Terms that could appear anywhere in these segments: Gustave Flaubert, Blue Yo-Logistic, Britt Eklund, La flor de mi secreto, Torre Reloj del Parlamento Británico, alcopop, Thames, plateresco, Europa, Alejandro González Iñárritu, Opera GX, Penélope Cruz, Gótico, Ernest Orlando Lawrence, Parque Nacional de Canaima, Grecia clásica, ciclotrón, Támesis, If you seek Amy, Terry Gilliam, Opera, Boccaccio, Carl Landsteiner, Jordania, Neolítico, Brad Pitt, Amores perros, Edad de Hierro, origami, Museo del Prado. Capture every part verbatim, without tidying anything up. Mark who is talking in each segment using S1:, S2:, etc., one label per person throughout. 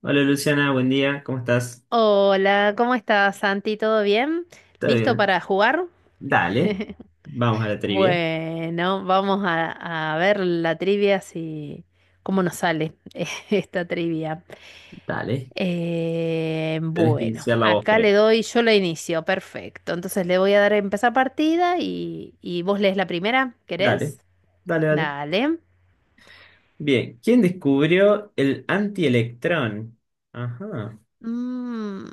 S1: Hola Luciana, buen día, ¿cómo estás?
S2: Hola, ¿cómo estás, Santi? ¿Todo bien?
S1: ¿Todo
S2: ¿Listo
S1: bien?
S2: para jugar?
S1: Dale, vamos a la trivia.
S2: Bueno, vamos a, a ver la trivia si cómo nos sale esta trivia.
S1: Dale,
S2: Eh,
S1: tenés que
S2: bueno,
S1: iniciar la voz,
S2: acá
S1: creo.
S2: le doy, yo la inicio, perfecto. Entonces le voy a dar a empezar partida y, y vos lees la primera,
S1: Dale,
S2: ¿querés?
S1: dale, dale.
S2: Dale.
S1: Bien, ¿quién descubrió el antielectrón? Ajá,
S2: Mm,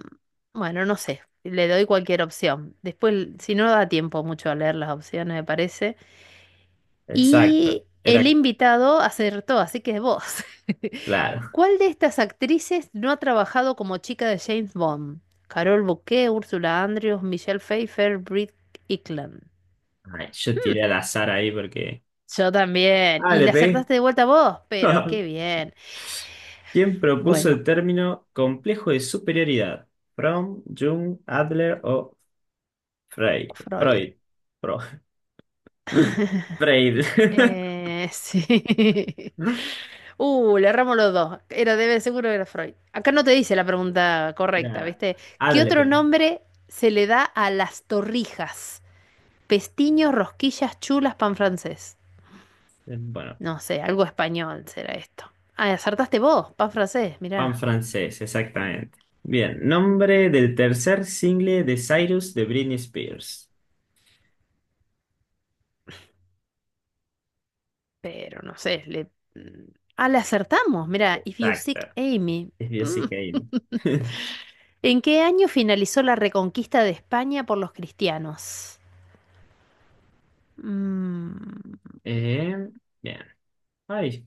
S2: bueno, no sé, le doy cualquier opción. Después, si no da tiempo mucho a leer las opciones, me parece.
S1: exacto,
S2: Y el
S1: era
S2: invitado acertó, así que vos.
S1: claro.
S2: ¿Cuál de estas actrices no ha trabajado como chica de James Bond? Carol Bouquet, Ursula Andrews, Michelle Pfeiffer, Britt Eklund.
S1: Ay, yo
S2: Mm,
S1: tiré al azar ahí porque.
S2: yo también.
S1: Ah,
S2: Y
S1: le
S2: le
S1: pegué.
S2: acertaste de vuelta vos, pero qué bien.
S1: ¿Quién propuso
S2: Bueno,
S1: el término complejo de superioridad? Fromm, Jung, Adler o Frey-
S2: Freud.
S1: ¿Freud? Freud. Freire.
S2: Eh, sí. Uh, le erramos los dos. Era, debe, seguro que era Freud. Acá no te dice la pregunta correcta,
S1: Era
S2: ¿viste? ¿Qué otro
S1: Adler.
S2: nombre se le da a las torrijas? Pestiños, rosquillas, chulas, pan francés.
S1: eh, Bueno,
S2: No sé, algo español será esto. Ah, acertaste vos, pan francés, mirá.
S1: pan francés, exactamente. Bien, nombre del tercer single de Cyrus de Britney Spears.
S2: Pero no sé, le... mm, ah, le acertamos, mirá. If you
S1: Exacto.
S2: seek Amy.
S1: Es
S2: Mm.
S1: Jessica Kane.
S2: ¿En qué año finalizó la reconquista de España por los cristianos? Mm,
S1: Eh, bien. Ay,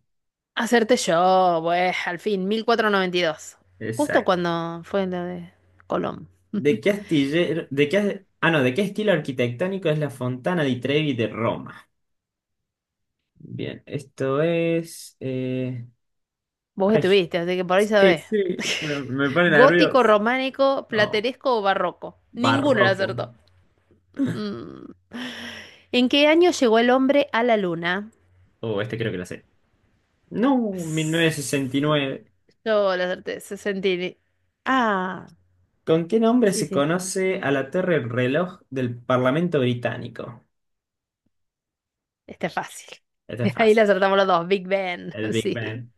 S2: Acerté yo, pues, al fin, mil cuatrocientos noventa y dos. Justo
S1: exacto.
S2: cuando fue la de Colón.
S1: ¿De qué astillero, de qué, as- ah, no, de qué estilo arquitectónico es la Fontana di Trevi de Roma? Bien, esto es. eh,
S2: Vos
S1: ay,
S2: estuviste, así que por ahí
S1: sí,
S2: sabés.
S1: sí, pero me pone
S2: Gótico,
S1: nervioso.
S2: románico, plateresco o barroco. Ninguno lo
S1: Barroco.
S2: acertó. Mm. ¿En qué año llegó el hombre a la luna?
S1: Oh, este creo que lo sé. No,
S2: S-
S1: mil novecientos sesenta y nueve.
S2: Yo la acerté, sesenta. Ah,
S1: ¿Con qué nombre
S2: sí,
S1: se
S2: sí,
S1: conoce a la Torre Reloj del Parlamento Británico?
S2: está fácil.
S1: Este es
S2: Ahí la
S1: fácil.
S2: acertamos los dos, Big Ben,
S1: El Big
S2: sí.
S1: Ben.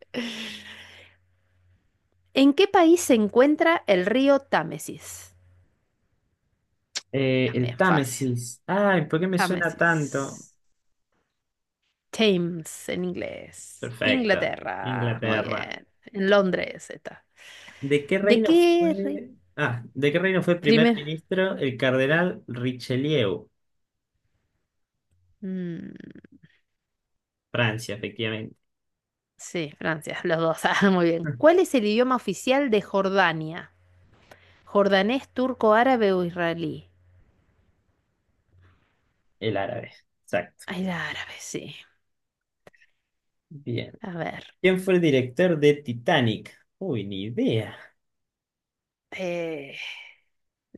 S2: ¿En qué país se encuentra el río Támesis?
S1: Eh, el
S2: También fácil.
S1: Támesis. Ay, ¿por qué me suena tanto?
S2: Támesis. Thames en inglés.
S1: Perfecto.
S2: Inglaterra, muy
S1: Inglaterra.
S2: bien. En Londres está.
S1: ¿De qué
S2: ¿De
S1: reino
S2: qué re-
S1: fue? Ah, ¿de qué reino fue primer
S2: primer?
S1: ministro el cardenal Richelieu?
S2: Mm,
S1: Francia, efectivamente.
S2: sí, Francia, los dos. Ah, muy bien. ¿Cuál es el idioma oficial de Jordania? ¿Jordanés, turco, árabe o israelí?
S1: El árabe. Exacto.
S2: Ay, la árabe, sí.
S1: Bien.
S2: A ver.
S1: ¿Quién fue el director de Titanic? Uy, ni idea.
S2: eh,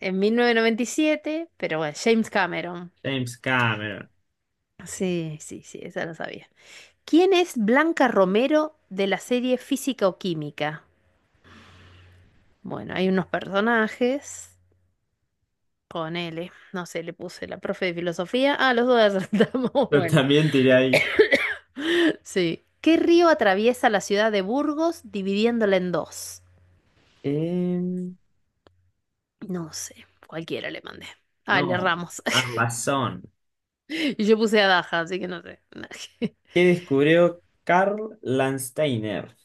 S2: en mil novecientos noventa y siete, pero bueno, James Cameron.
S1: James Cameron.
S2: Sí, sí, sí, esa lo sabía. ¿Quién es Blanca Romero de la serie Física o Química? Bueno, hay unos personajes. Ponele, no sé, le puse la profe de filosofía. Ah, los dos acertamos.
S1: Yo
S2: Bueno,
S1: también tiré ahí.
S2: sí. ¿Qué río atraviesa la ciudad de Burgos dividiéndola en dos?
S1: Em,
S2: No sé, cualquiera le mandé. Ah, le
S1: no,
S2: erramos.
S1: Arlazón.
S2: Y yo puse a Daja, así que no sé.
S1: ¿Qué descubrió Carl Landsteiner?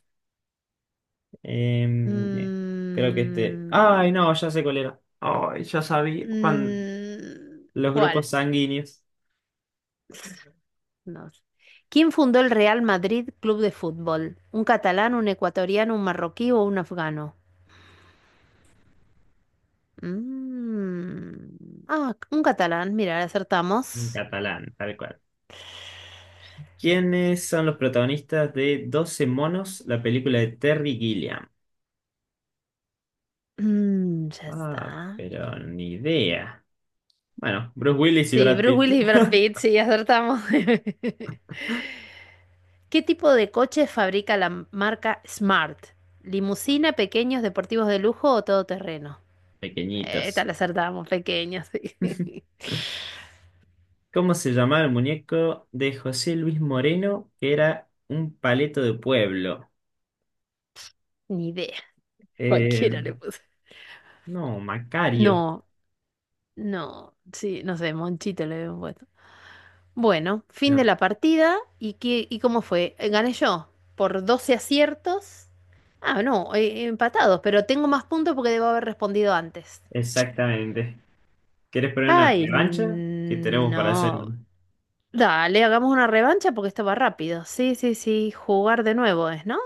S1: Em, bien, creo que este.
S2: Mm,
S1: Ay, no, ya sé cuál era. Ay, ya sabía. Juan,
S2: mm,
S1: los
S2: ¿Cuál?
S1: grupos sanguíneos.
S2: No sé. ¿Quién fundó el Real Madrid Club de Fútbol? ¿Un catalán, un ecuatoriano, un marroquí o un afgano? Mm. Ah, un catalán, mira,
S1: En
S2: acertamos.
S1: catalán, tal cual. ¿Quiénes son los protagonistas de Doce monos, la película de Terry Gilliam?
S2: Mm, ya
S1: Ah,
S2: está.
S1: pero ni idea. Bueno, Bruce Willis y
S2: Sí,
S1: Brad
S2: Bruce
S1: Pitt,
S2: Willis y Brad Pitt, sí, acertamos. ¿Qué tipo de coche fabrica la m- marca Smart? ¿Limusina, pequeños, deportivos de lujo o todoterreno? Eh, Esta
S1: pequeñitos.
S2: la acertamos, pequeños, sí.
S1: ¿Cómo se llamaba el muñeco de José Luis Moreno, que era un paleto de pueblo?
S2: Ni idea. Cualquiera
S1: Eh,
S2: le puse.
S1: no, Macario.
S2: No, no, sí, no sé, Monchito le veo. Bueno, fin de
S1: No,
S2: la partida. ¿Y qué, y cómo fue? Eh, Gané yo por doce aciertos. Ah, no, eh, empatados, pero tengo más puntos porque debo haber respondido antes.
S1: exactamente. ¿Quieres poner una
S2: Ay,
S1: revancha? Que tenemos para hacer
S2: no.
S1: un.
S2: Dale, hagamos una revancha porque esto va rápido. Sí, sí, sí, jugar de nuevo es, ¿no?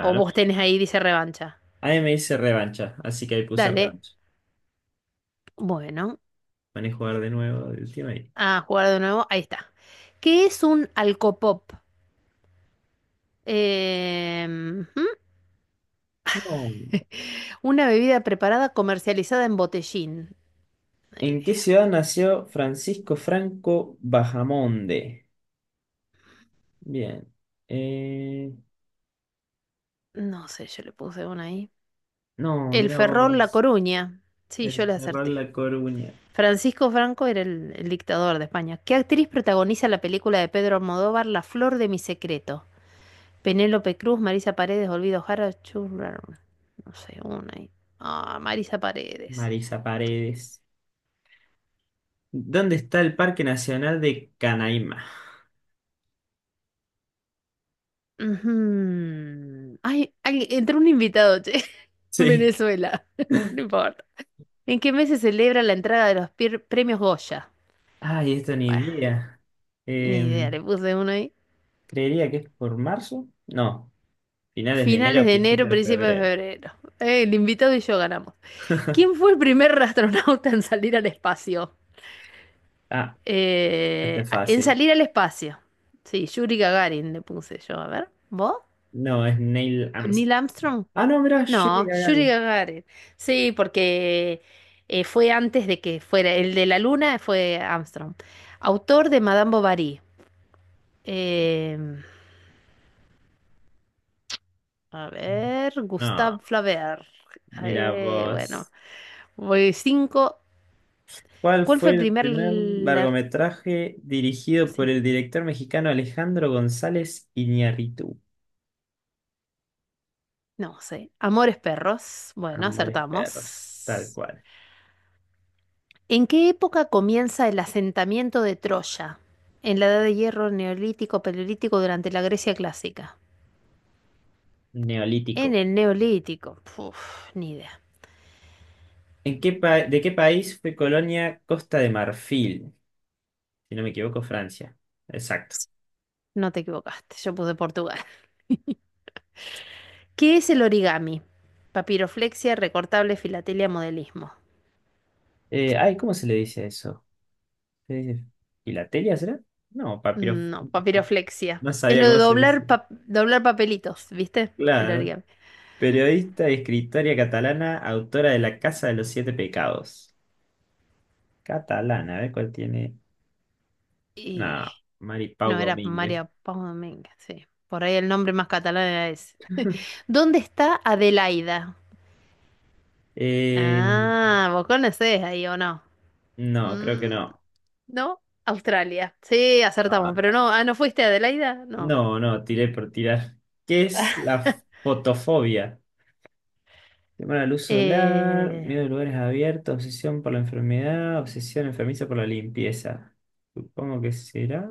S2: O vos tenés ahí, dice revancha.
S1: Ahí me dice revancha, así que ahí puse
S2: Dale.
S1: revancha.
S2: Bueno,
S1: Van a jugar de nuevo el tema ahí.
S2: a jugar de nuevo. Ahí está. ¿Qué es un alcopop? Eh, ujú.
S1: No.
S2: Una bebida preparada comercializada en botellín. Una
S1: ¿En qué
S2: idea.
S1: ciudad nació Francisco Franco Bahamonde? Bien. Eh,
S2: No sé, yo le puse una ahí.
S1: no,
S2: El
S1: mirá
S2: Ferrol La
S1: vos.
S2: Coruña. Sí,
S1: El
S2: yo le
S1: Cerrón
S2: acerté.
S1: La Coruña.
S2: Francisco Franco era el, el dictador de España. ¿Qué actriz protagoniza la película de Pedro Almodóvar, La flor de mi secreto? Penélope Cruz, Marisa Paredes, Olvido Jara, Churrar. No sé, una ahí. Ah, Marisa Paredes era.
S1: Marisa Paredes. ¿Dónde está el Parque Nacional de Canaima?
S2: Ujú. Ay, ay, entró un invitado, che.
S1: Sí.
S2: Venezuela. No importa. ¿En qué mes se celebra la entrega de los pier- premios Goya?
S1: Ay, esto ni
S2: Bueno,
S1: idea. Eh,
S2: ni idea, le puse uno ahí.
S1: creería que es por marzo. No, finales de
S2: Finales
S1: enero,
S2: de enero,
S1: principios de
S2: principios de
S1: febrero.
S2: febrero. Eh, el invitado y yo ganamos. ¿Quién fue el primer astronauta en salir al espacio?
S1: Ah, este
S2: Eh,
S1: es
S2: en
S1: fácil.
S2: salir al espacio. Sí, Yuri Gagarin le puse yo. A ver, ¿vos?
S1: No, es Neil Armstrong.
S2: ¿Neil Armstrong?
S1: Ah, no, mirá, Yuri
S2: No, Yuri
S1: Gagarin.
S2: Gagarin. Sí, porque eh, fue antes de que fuera. El de la luna fue Armstrong. Autor de Madame Bovary. Eh, A ver,
S1: No,
S2: Gustave Flaubert.
S1: mira
S2: Eh, bueno,
S1: vos.
S2: voy cinco.
S1: ¿Cuál
S2: ¿Cuál fue
S1: fue
S2: el
S1: el
S2: primer...
S1: primer
S2: la-
S1: largometraje dirigido por
S2: Sí,
S1: el director mexicano Alejandro González Iñárritu?
S2: no sé. Amores perros. Bueno,
S1: Amores perros, tal
S2: acertamos.
S1: cual.
S2: ¿En qué época comienza el asentamiento de Troya? ¿En la Edad de Hierro, Neolítico, Paleolítico, durante la Grecia clásica? En
S1: Neolítico.
S2: el Neolítico. Puf, ni idea.
S1: ¿En qué pa- ¿De qué país fue colonia Costa de Marfil? Si no me equivoco, Francia. Exacto.
S2: No te equivocaste, yo puse Portugal. ¿Qué es el origami? Papiroflexia, recortable, filatelia, modelismo.
S1: Eh, ay, ¿cómo se le dice eso? ¿Se dice filatelia, será? No, papiro.
S2: No,
S1: No,
S2: papiroflexia.
S1: no
S2: Es
S1: sabía
S2: lo de
S1: cómo se dice.
S2: doblar, pa- doblar papelitos, ¿viste? El
S1: Claro.
S2: origami.
S1: Periodista y escritora catalana, autora de La Casa de los Siete Pecados. Catalana, a ver cuál tiene.
S2: Y
S1: No, Mari Pau
S2: no, era
S1: Domínguez.
S2: María Paz Domínguez, sí. Por ahí el nombre más catalán era ese. ¿Dónde está Adelaida?
S1: Eh,
S2: Ah, vos conocés ahí o no.
S1: no, creo que
S2: Mm,
S1: no.
S2: no, Australia. Sí, acertamos, pero
S1: Ah,
S2: no, ah, ¿no fuiste a Adelaida? No.
S1: no, no, tiré por tirar. ¿Qué es la fotofobia? Temor al luz solar,
S2: Eh,
S1: miedo a lugares abiertos, obsesión por la enfermedad, obsesión enfermiza por la limpieza. Supongo que será.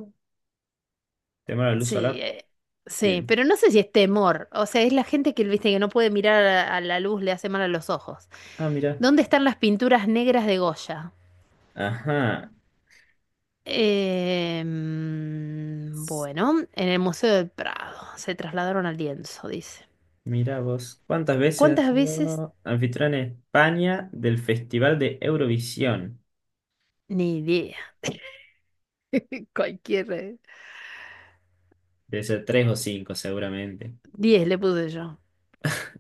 S1: Temor a la luz
S2: Sí,
S1: solar.
S2: eh, sí,
S1: Bien.
S2: pero no sé si es temor. O sea, es la gente que, viste, que no puede mirar a, a la luz, le hace mal a los ojos.
S1: Ah, mira.
S2: ¿Dónde están las pinturas negras de Goya?
S1: Ajá.
S2: Eh, mm,
S1: S-
S2: bueno, en el Museo del Prado. Se trasladaron al lienzo, dice.
S1: Mira vos. ¿Cuántas veces has
S2: ¿Cuántas veces?
S1: sido anfitrión en España del Festival de Eurovisión?
S2: Ni idea. Cualquier. eh,
S1: Debe ser tres o cinco, seguramente.
S2: Diez le puse yo.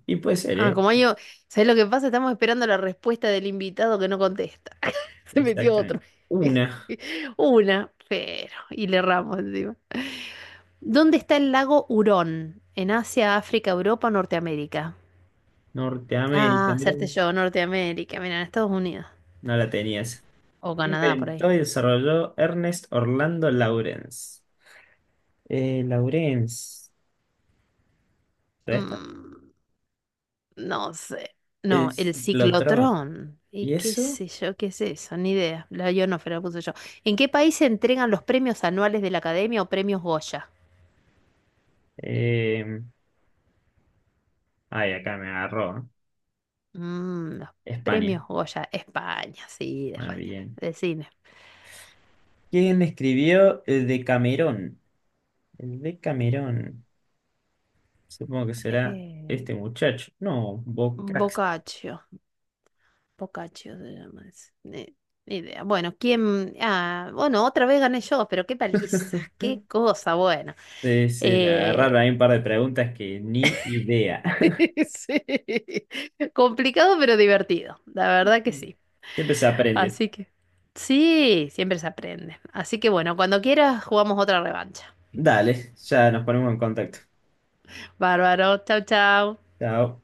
S1: Y puede ser,
S2: Ah,
S1: ¿eh?
S2: como yo, ¿sabes lo que pasa? Estamos esperando la respuesta del invitado que no contesta. Se metió otro.
S1: Exactamente. Una.
S2: Una, pero. Y le erramos encima. ¿Dónde está el lago Hurón? ¿En Asia, África, Europa, Norteamérica?
S1: Norteamérica,
S2: Ah,
S1: mira
S2: hacerte
S1: vos.
S2: yo, Norteamérica. Mira, en Estados Unidos.
S1: No la tenías.
S2: O Canadá, por ahí.
S1: Inventó y desarrolló Ernest Orlando Lawrence. Eh, Lawrence, ¿será esta?
S2: Mm, no sé. No,
S1: Es
S2: el
S1: Lotrón.
S2: ciclotrón. ¿Y
S1: ¿Y
S2: qué
S1: eso?
S2: sé yo? ¿Qué es eso? Ni idea. La ionósfera la puse yo. ¿En qué país se entregan los premios anuales de la Academia o premios Goya?
S1: Eh, ay, acá me agarró. ¿Eh?
S2: Mm, los premios
S1: España.
S2: Goya, España, sí, de
S1: Ah,
S2: España,
S1: bien.
S2: de cine.
S1: ¿Quién escribió el Decamerón? El Decamerón. Supongo que será
S2: Eh,
S1: este muchacho. No, Bocax.
S2: Boccaccio, Boccaccio se llama ese. Ni, ni idea. Bueno, ¿quién? Ah, bueno, otra vez gané yo, pero qué paliza, qué cosa bueno,
S1: Sí, sí, me agarraron
S2: Eh,
S1: ahí un par de preguntas que ni idea.
S2: sí, complicado pero divertido, la verdad que sí.
S1: Siempre se aprende.
S2: Así que, sí, siempre se aprende. Así que bueno, cuando quieras jugamos otra revancha.
S1: Dale, ya nos ponemos en contacto.
S2: Bárbaro, chau, chau.
S1: Chao.